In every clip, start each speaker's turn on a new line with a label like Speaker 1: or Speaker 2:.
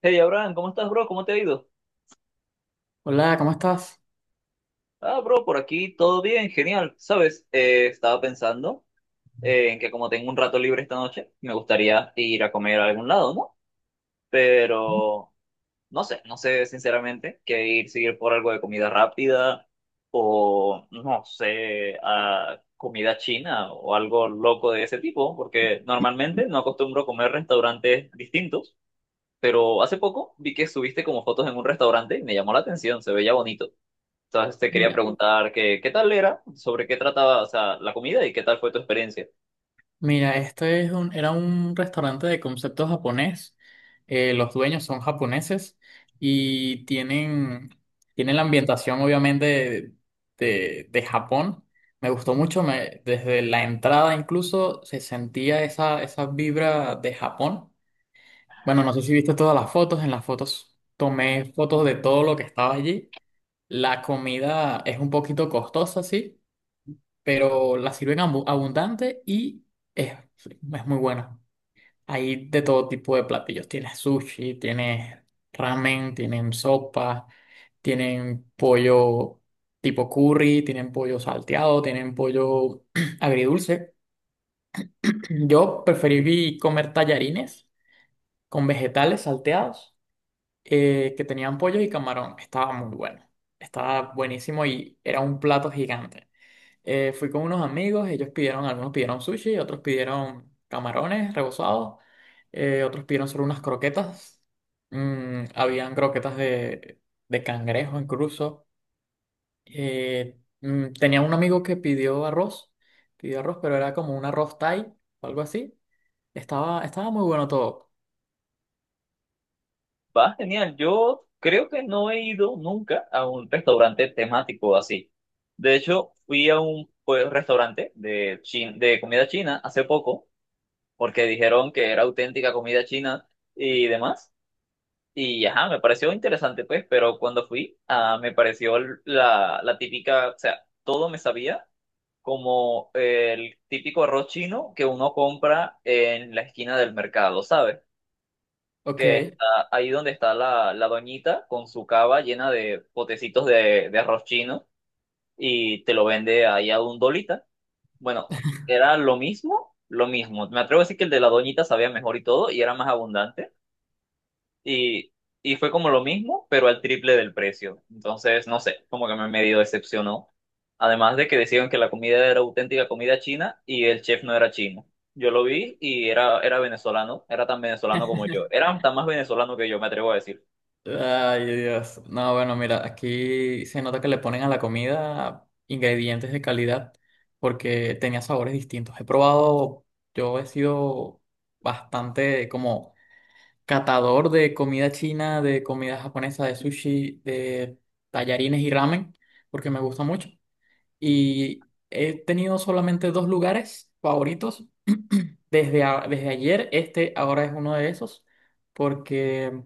Speaker 1: Hey Abraham, ¿cómo estás, bro? ¿Cómo te ha ido?
Speaker 2: Hola, ¿cómo estás?
Speaker 1: Ah, bro, por aquí todo bien, genial. Sabes, estaba pensando en que como tengo un rato libre esta noche, me gustaría ir a comer a algún lado, ¿no? Pero no sé, no sé sinceramente qué ir, seguir por algo de comida rápida o no sé, a comida china o algo loco de ese tipo, porque normalmente no acostumbro comer restaurantes distintos, pero hace poco vi que subiste como fotos en un restaurante y me llamó la atención, se veía bonito. Entonces te quería
Speaker 2: Mira,
Speaker 1: preguntar que, qué tal era, sobre qué trataba, o sea, la comida y qué tal fue tu experiencia.
Speaker 2: Mira, este es era un restaurante de concepto japonés. Los dueños son japoneses y tienen la ambientación, obviamente, de Japón. Me gustó mucho, desde la entrada incluso se sentía esa vibra de Japón. Bueno, no sé si viste todas las fotos. En las fotos tomé fotos de todo lo que estaba allí. La comida es un poquito costosa, sí, pero la sirven abundante y es, es muy buena. Hay de todo tipo de platillos. Tienes sushi, tienes ramen, tienen sopa, tienen pollo tipo curry, tienen pollo salteado, tienen pollo agridulce. Yo preferí comer tallarines con vegetales salteados, que tenían pollo y camarón. Estaba muy bueno. Estaba buenísimo y era un plato gigante. Fui con unos amigos, ellos pidieron, algunos pidieron sushi, otros pidieron camarones rebozados, otros pidieron solo unas croquetas. Habían croquetas de cangrejo incluso. Tenía un amigo que pidió arroz, pero era como un arroz Thai o algo así. Estaba muy bueno todo.
Speaker 1: Va, genial. Yo creo que no he ido nunca a un restaurante temático así. De hecho, fui a un pues, restaurante de, de comida china hace poco, porque dijeron que era auténtica comida china y demás. Y ajá, me pareció interesante, pues, pero cuando fui, ah, me pareció la típica, o sea, todo me sabía como el típico arroz chino que uno compra en la esquina del mercado, ¿sabes?
Speaker 2: Ok.
Speaker 1: Que está ahí donde está la doñita con su cava llena de potecitos de arroz chino y te lo vende ahí a un dolita. Bueno, era lo mismo, lo mismo. Me atrevo a decir que el de la doñita sabía mejor y todo y era más abundante y, y fue como lo mismo, pero al triple del precio. Entonces, no sé, como que me medio decepcionó. Además de que decían que la comida era auténtica comida china y el chef no era chino. Yo lo vi y era, era venezolano, era tan venezolano como yo. Era tan más venezolano que yo, me atrevo a decir.
Speaker 2: Ay, Dios. No, bueno, mira, aquí se nota que le ponen a la comida ingredientes de calidad porque tenía sabores distintos. Yo he sido bastante como catador de comida china, de comida japonesa, de sushi, de tallarines y ramen, porque me gusta mucho. Y he tenido solamente dos lugares favoritos. Desde ayer, este ahora es uno de esos, porque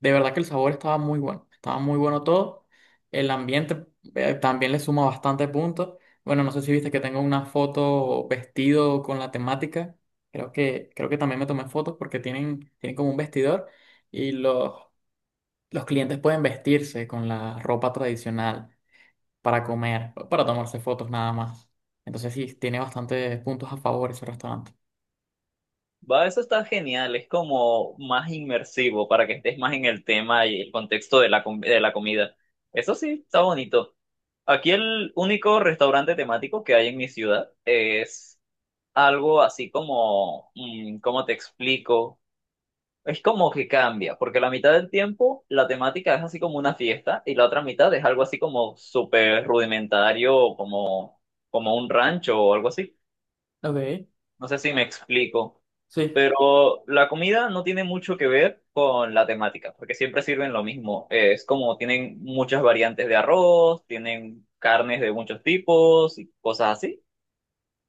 Speaker 2: de verdad que el sabor estaba muy bueno todo. El ambiente, también le suma bastante puntos. Bueno, no sé si viste que tengo una foto vestido con la temática. Creo que también me tomé fotos porque tienen como un vestidor y los clientes pueden vestirse con la ropa tradicional para comer, para tomarse fotos nada más. Entonces sí, tiene bastantes puntos a favor ese restaurante.
Speaker 1: Va, eso está genial, es como más inmersivo para que estés más en el tema y el contexto de la, de la comida. Eso sí, está bonito. Aquí el único restaurante temático que hay en mi ciudad es algo así como, mm, ¿cómo te explico? Es como que cambia, porque la mitad del tiempo la temática es así como una fiesta y la otra mitad es algo así como súper rudimentario, como, como un rancho o algo así.
Speaker 2: Ok,
Speaker 1: No sé si me explico,
Speaker 2: sí.
Speaker 1: pero la comida no tiene mucho que ver con la temática, porque siempre sirven lo mismo. Es como tienen muchas variantes de arroz, tienen carnes de muchos tipos y cosas así.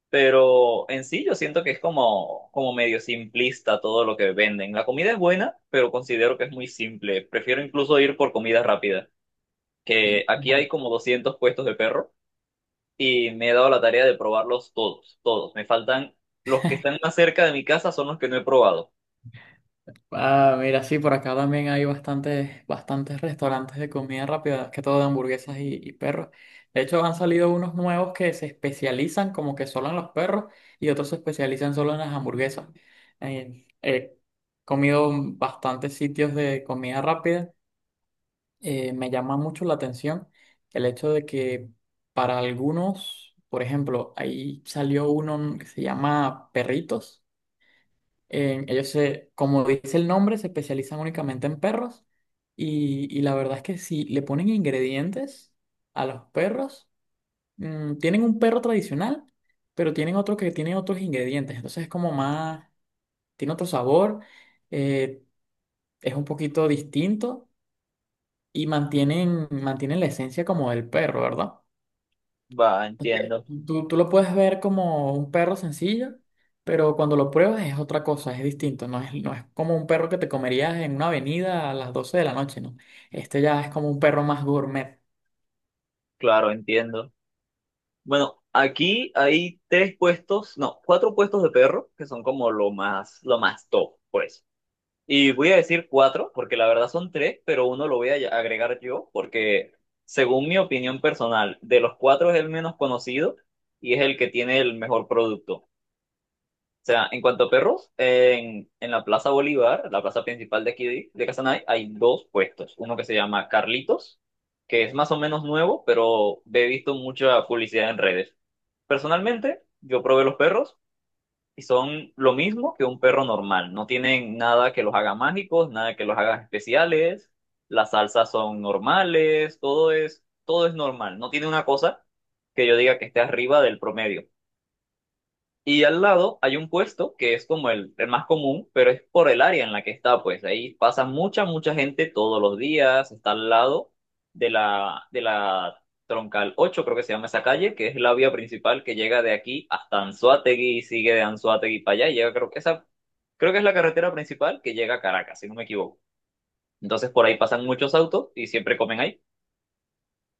Speaker 1: Pero en sí yo siento que es como, como medio simplista todo lo que venden. La comida es buena, pero considero que es muy simple. Prefiero incluso ir por comida rápida, que aquí hay como 200 puestos de perro y me he dado la tarea de probarlos todos, todos. Me faltan los que están más cerca de mi casa son los que no he probado.
Speaker 2: Ah, mira, sí, por acá también hay bastantes restaurantes de comida rápida, más que todo de hamburguesas y perros. De hecho, han salido unos nuevos que se especializan como que solo en los perros y otros se especializan solo en las hamburguesas. He comido bastantes sitios de comida rápida. Me llama mucho la atención el hecho de que para algunos, por ejemplo, ahí salió uno que se llama Perritos. Ellos se, como dice el nombre, se especializan únicamente en perros y la verdad es que si le ponen ingredientes a los perros. Tienen un perro tradicional, pero tienen otro que tiene otros ingredientes, entonces es como más, tiene otro sabor, eh, es un poquito distinto. Y mantienen la esencia como del perro, ¿verdad?
Speaker 1: Va,
Speaker 2: Entonces,
Speaker 1: entiendo.
Speaker 2: tú lo puedes ver como un perro sencillo, pero cuando lo pruebas es otra cosa, es distinto. No es como un perro que te comerías en una avenida a las 12 de la noche, ¿no? Este ya es como un perro más gourmet.
Speaker 1: Claro, entiendo. Bueno, aquí hay tres puestos, no, cuatro puestos de perro que son como lo más top. Pues y voy a decir cuatro, porque la verdad son tres, pero uno lo voy a agregar yo, porque según mi opinión personal, de los cuatro es el menos conocido y es el que tiene el mejor producto. O sea, en cuanto a perros, en la Plaza Bolívar, la plaza principal de aquí de Casanare, hay dos puestos. Uno que se llama Carlitos, que es más o menos nuevo, pero he visto mucha publicidad en redes. Personalmente, yo probé los perros y son lo mismo que un perro normal. No tienen nada que los haga mágicos, nada que los haga especiales. Las salsas son normales, todo es normal. No tiene una cosa que yo diga que esté arriba del promedio. Y al lado hay un puesto que es como el más común, pero es por el área en la que está, pues ahí pasa mucha, mucha gente todos los días, está al lado de la Troncal 8, creo que se llama esa calle, que es la vía principal que llega de aquí hasta Anzoátegui y sigue de Anzoátegui para allá, y llega, creo que esa, creo que es la carretera principal que llega a Caracas, si no me equivoco. Entonces por ahí pasan muchos autos y siempre comen ahí.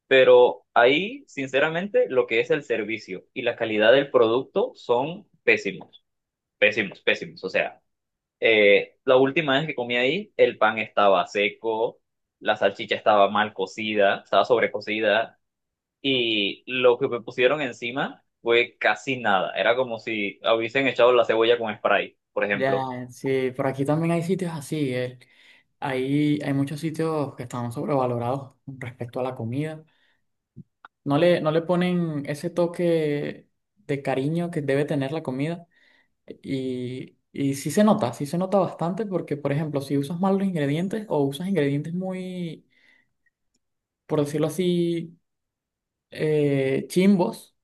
Speaker 1: Pero ahí, sinceramente, lo que es el servicio y la calidad del producto son pésimos. Pésimos, pésimos. O sea, la última vez que comí ahí, el pan estaba seco, la salchicha estaba mal cocida, estaba sobrecocida, y lo que me pusieron encima fue casi nada. Era como si hubiesen echado la cebolla con spray, por ejemplo.
Speaker 2: Ya, sí, por aquí también hay sitios así. Hay muchos sitios que están sobrevalorados con respecto a la comida. No le ponen ese toque de cariño que debe tener la comida. Y sí se nota bastante porque, por ejemplo, si usas mal los ingredientes o usas ingredientes muy, por decirlo así, chimbos,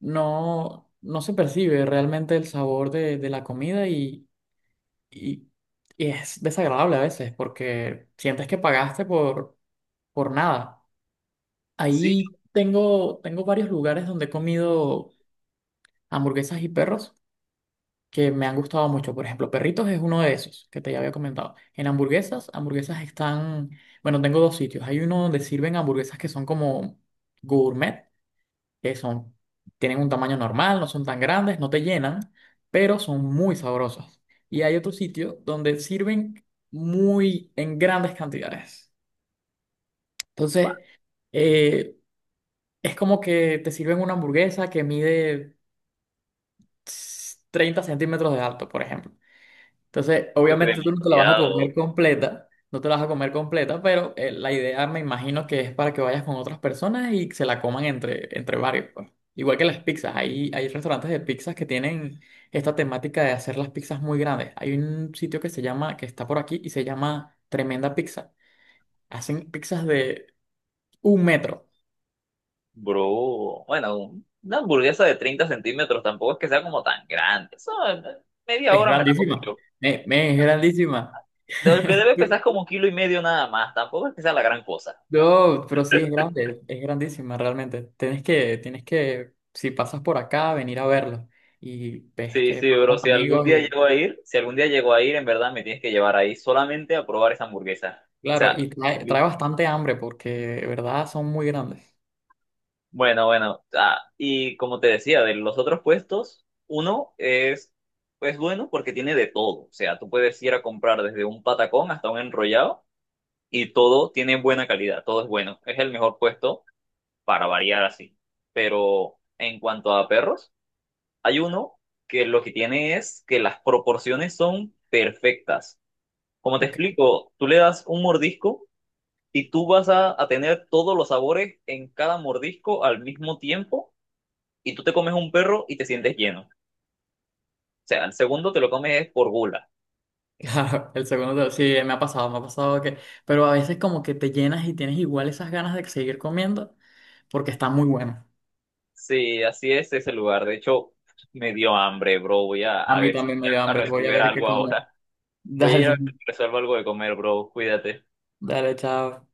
Speaker 2: no, no se percibe realmente el sabor de la comida y, y es desagradable a veces porque sientes que pagaste por nada.
Speaker 1: Sí,
Speaker 2: Ahí tengo varios lugares donde he comido hamburguesas y perros que me han gustado mucho. Por ejemplo, Perritos es uno de esos que te ya había comentado. En hamburguesas están, bueno, tengo dos sitios. Hay uno donde sirven hamburguesas que son como gourmet, que son, tienen un tamaño normal, no son tan grandes, no te llenan, pero son muy sabrosas. Y hay otro sitio donde sirven muy en grandes cantidades.
Speaker 1: bah,
Speaker 2: Entonces, eh, es como que te sirven una hamburguesa que mide 30 centímetros de alto, por ejemplo. Entonces,
Speaker 1: pues,
Speaker 2: obviamente tú no te la vas a
Speaker 1: demasiado,
Speaker 2: comer completa, no te la vas a comer completa, pero la idea me imagino que es para que vayas con otras personas y se la coman entre varios, pues. Igual que las pizzas, hay restaurantes de pizzas que tienen esta temática de hacer las pizzas muy grandes. Hay un sitio que se llama, que está por aquí y se llama Tremenda Pizza. Hacen pizzas de 1 metro.
Speaker 1: bro. Bueno, una hamburguesa de 30 cm tampoco es que sea como tan grande. Eso, media
Speaker 2: Es
Speaker 1: hora me la comí
Speaker 2: grandísima.
Speaker 1: yo.
Speaker 2: Men, es grandísima.
Speaker 1: De lo que debe pesar como un kilo y medio nada más. Tampoco es que sea la gran cosa.
Speaker 2: No, pero sí es grande, es grandísima realmente. Tienes que, si pasas por acá, venir a verlo. Y ves
Speaker 1: Sí,
Speaker 2: que vas
Speaker 1: sí, bro,
Speaker 2: con
Speaker 1: si algún
Speaker 2: amigos
Speaker 1: día
Speaker 2: y,
Speaker 1: llego a ir, si algún día llego a ir, en verdad me tienes que llevar ahí solamente a probar esa hamburguesa. O
Speaker 2: claro,
Speaker 1: sea,
Speaker 2: y trae
Speaker 1: li-
Speaker 2: bastante hambre porque de verdad son muy grandes.
Speaker 1: bueno, bueno. Ah, y como te decía, de los otros puestos, uno es, pues bueno porque tiene de todo. O sea, tú puedes ir a comprar desde un patacón hasta un enrollado y todo tiene buena calidad, todo es bueno. Es el mejor puesto para variar así. Pero en cuanto a perros, hay uno que lo que tiene es que las proporciones son perfectas. Como te
Speaker 2: Ok,
Speaker 1: explico, tú le das un mordisco y tú vas a tener todos los sabores en cada mordisco al mismo tiempo y tú te comes un perro y te sientes lleno. O sea, el segundo te lo comes es por gula.
Speaker 2: claro, sí, me ha pasado que, pero a veces como que te llenas y tienes igual esas ganas de seguir comiendo porque está muy bueno.
Speaker 1: Sí, así es ese lugar. De hecho, me dio hambre, bro. Voy
Speaker 2: A
Speaker 1: a
Speaker 2: mí
Speaker 1: ver, si
Speaker 2: también me dio
Speaker 1: a
Speaker 2: hambre, voy a
Speaker 1: resolver
Speaker 2: ver qué
Speaker 1: algo
Speaker 2: como.
Speaker 1: ahora. Voy a ir a
Speaker 2: Dale,
Speaker 1: ver si resuelvo algo de comer, bro. Cuídate.
Speaker 2: dale, chao.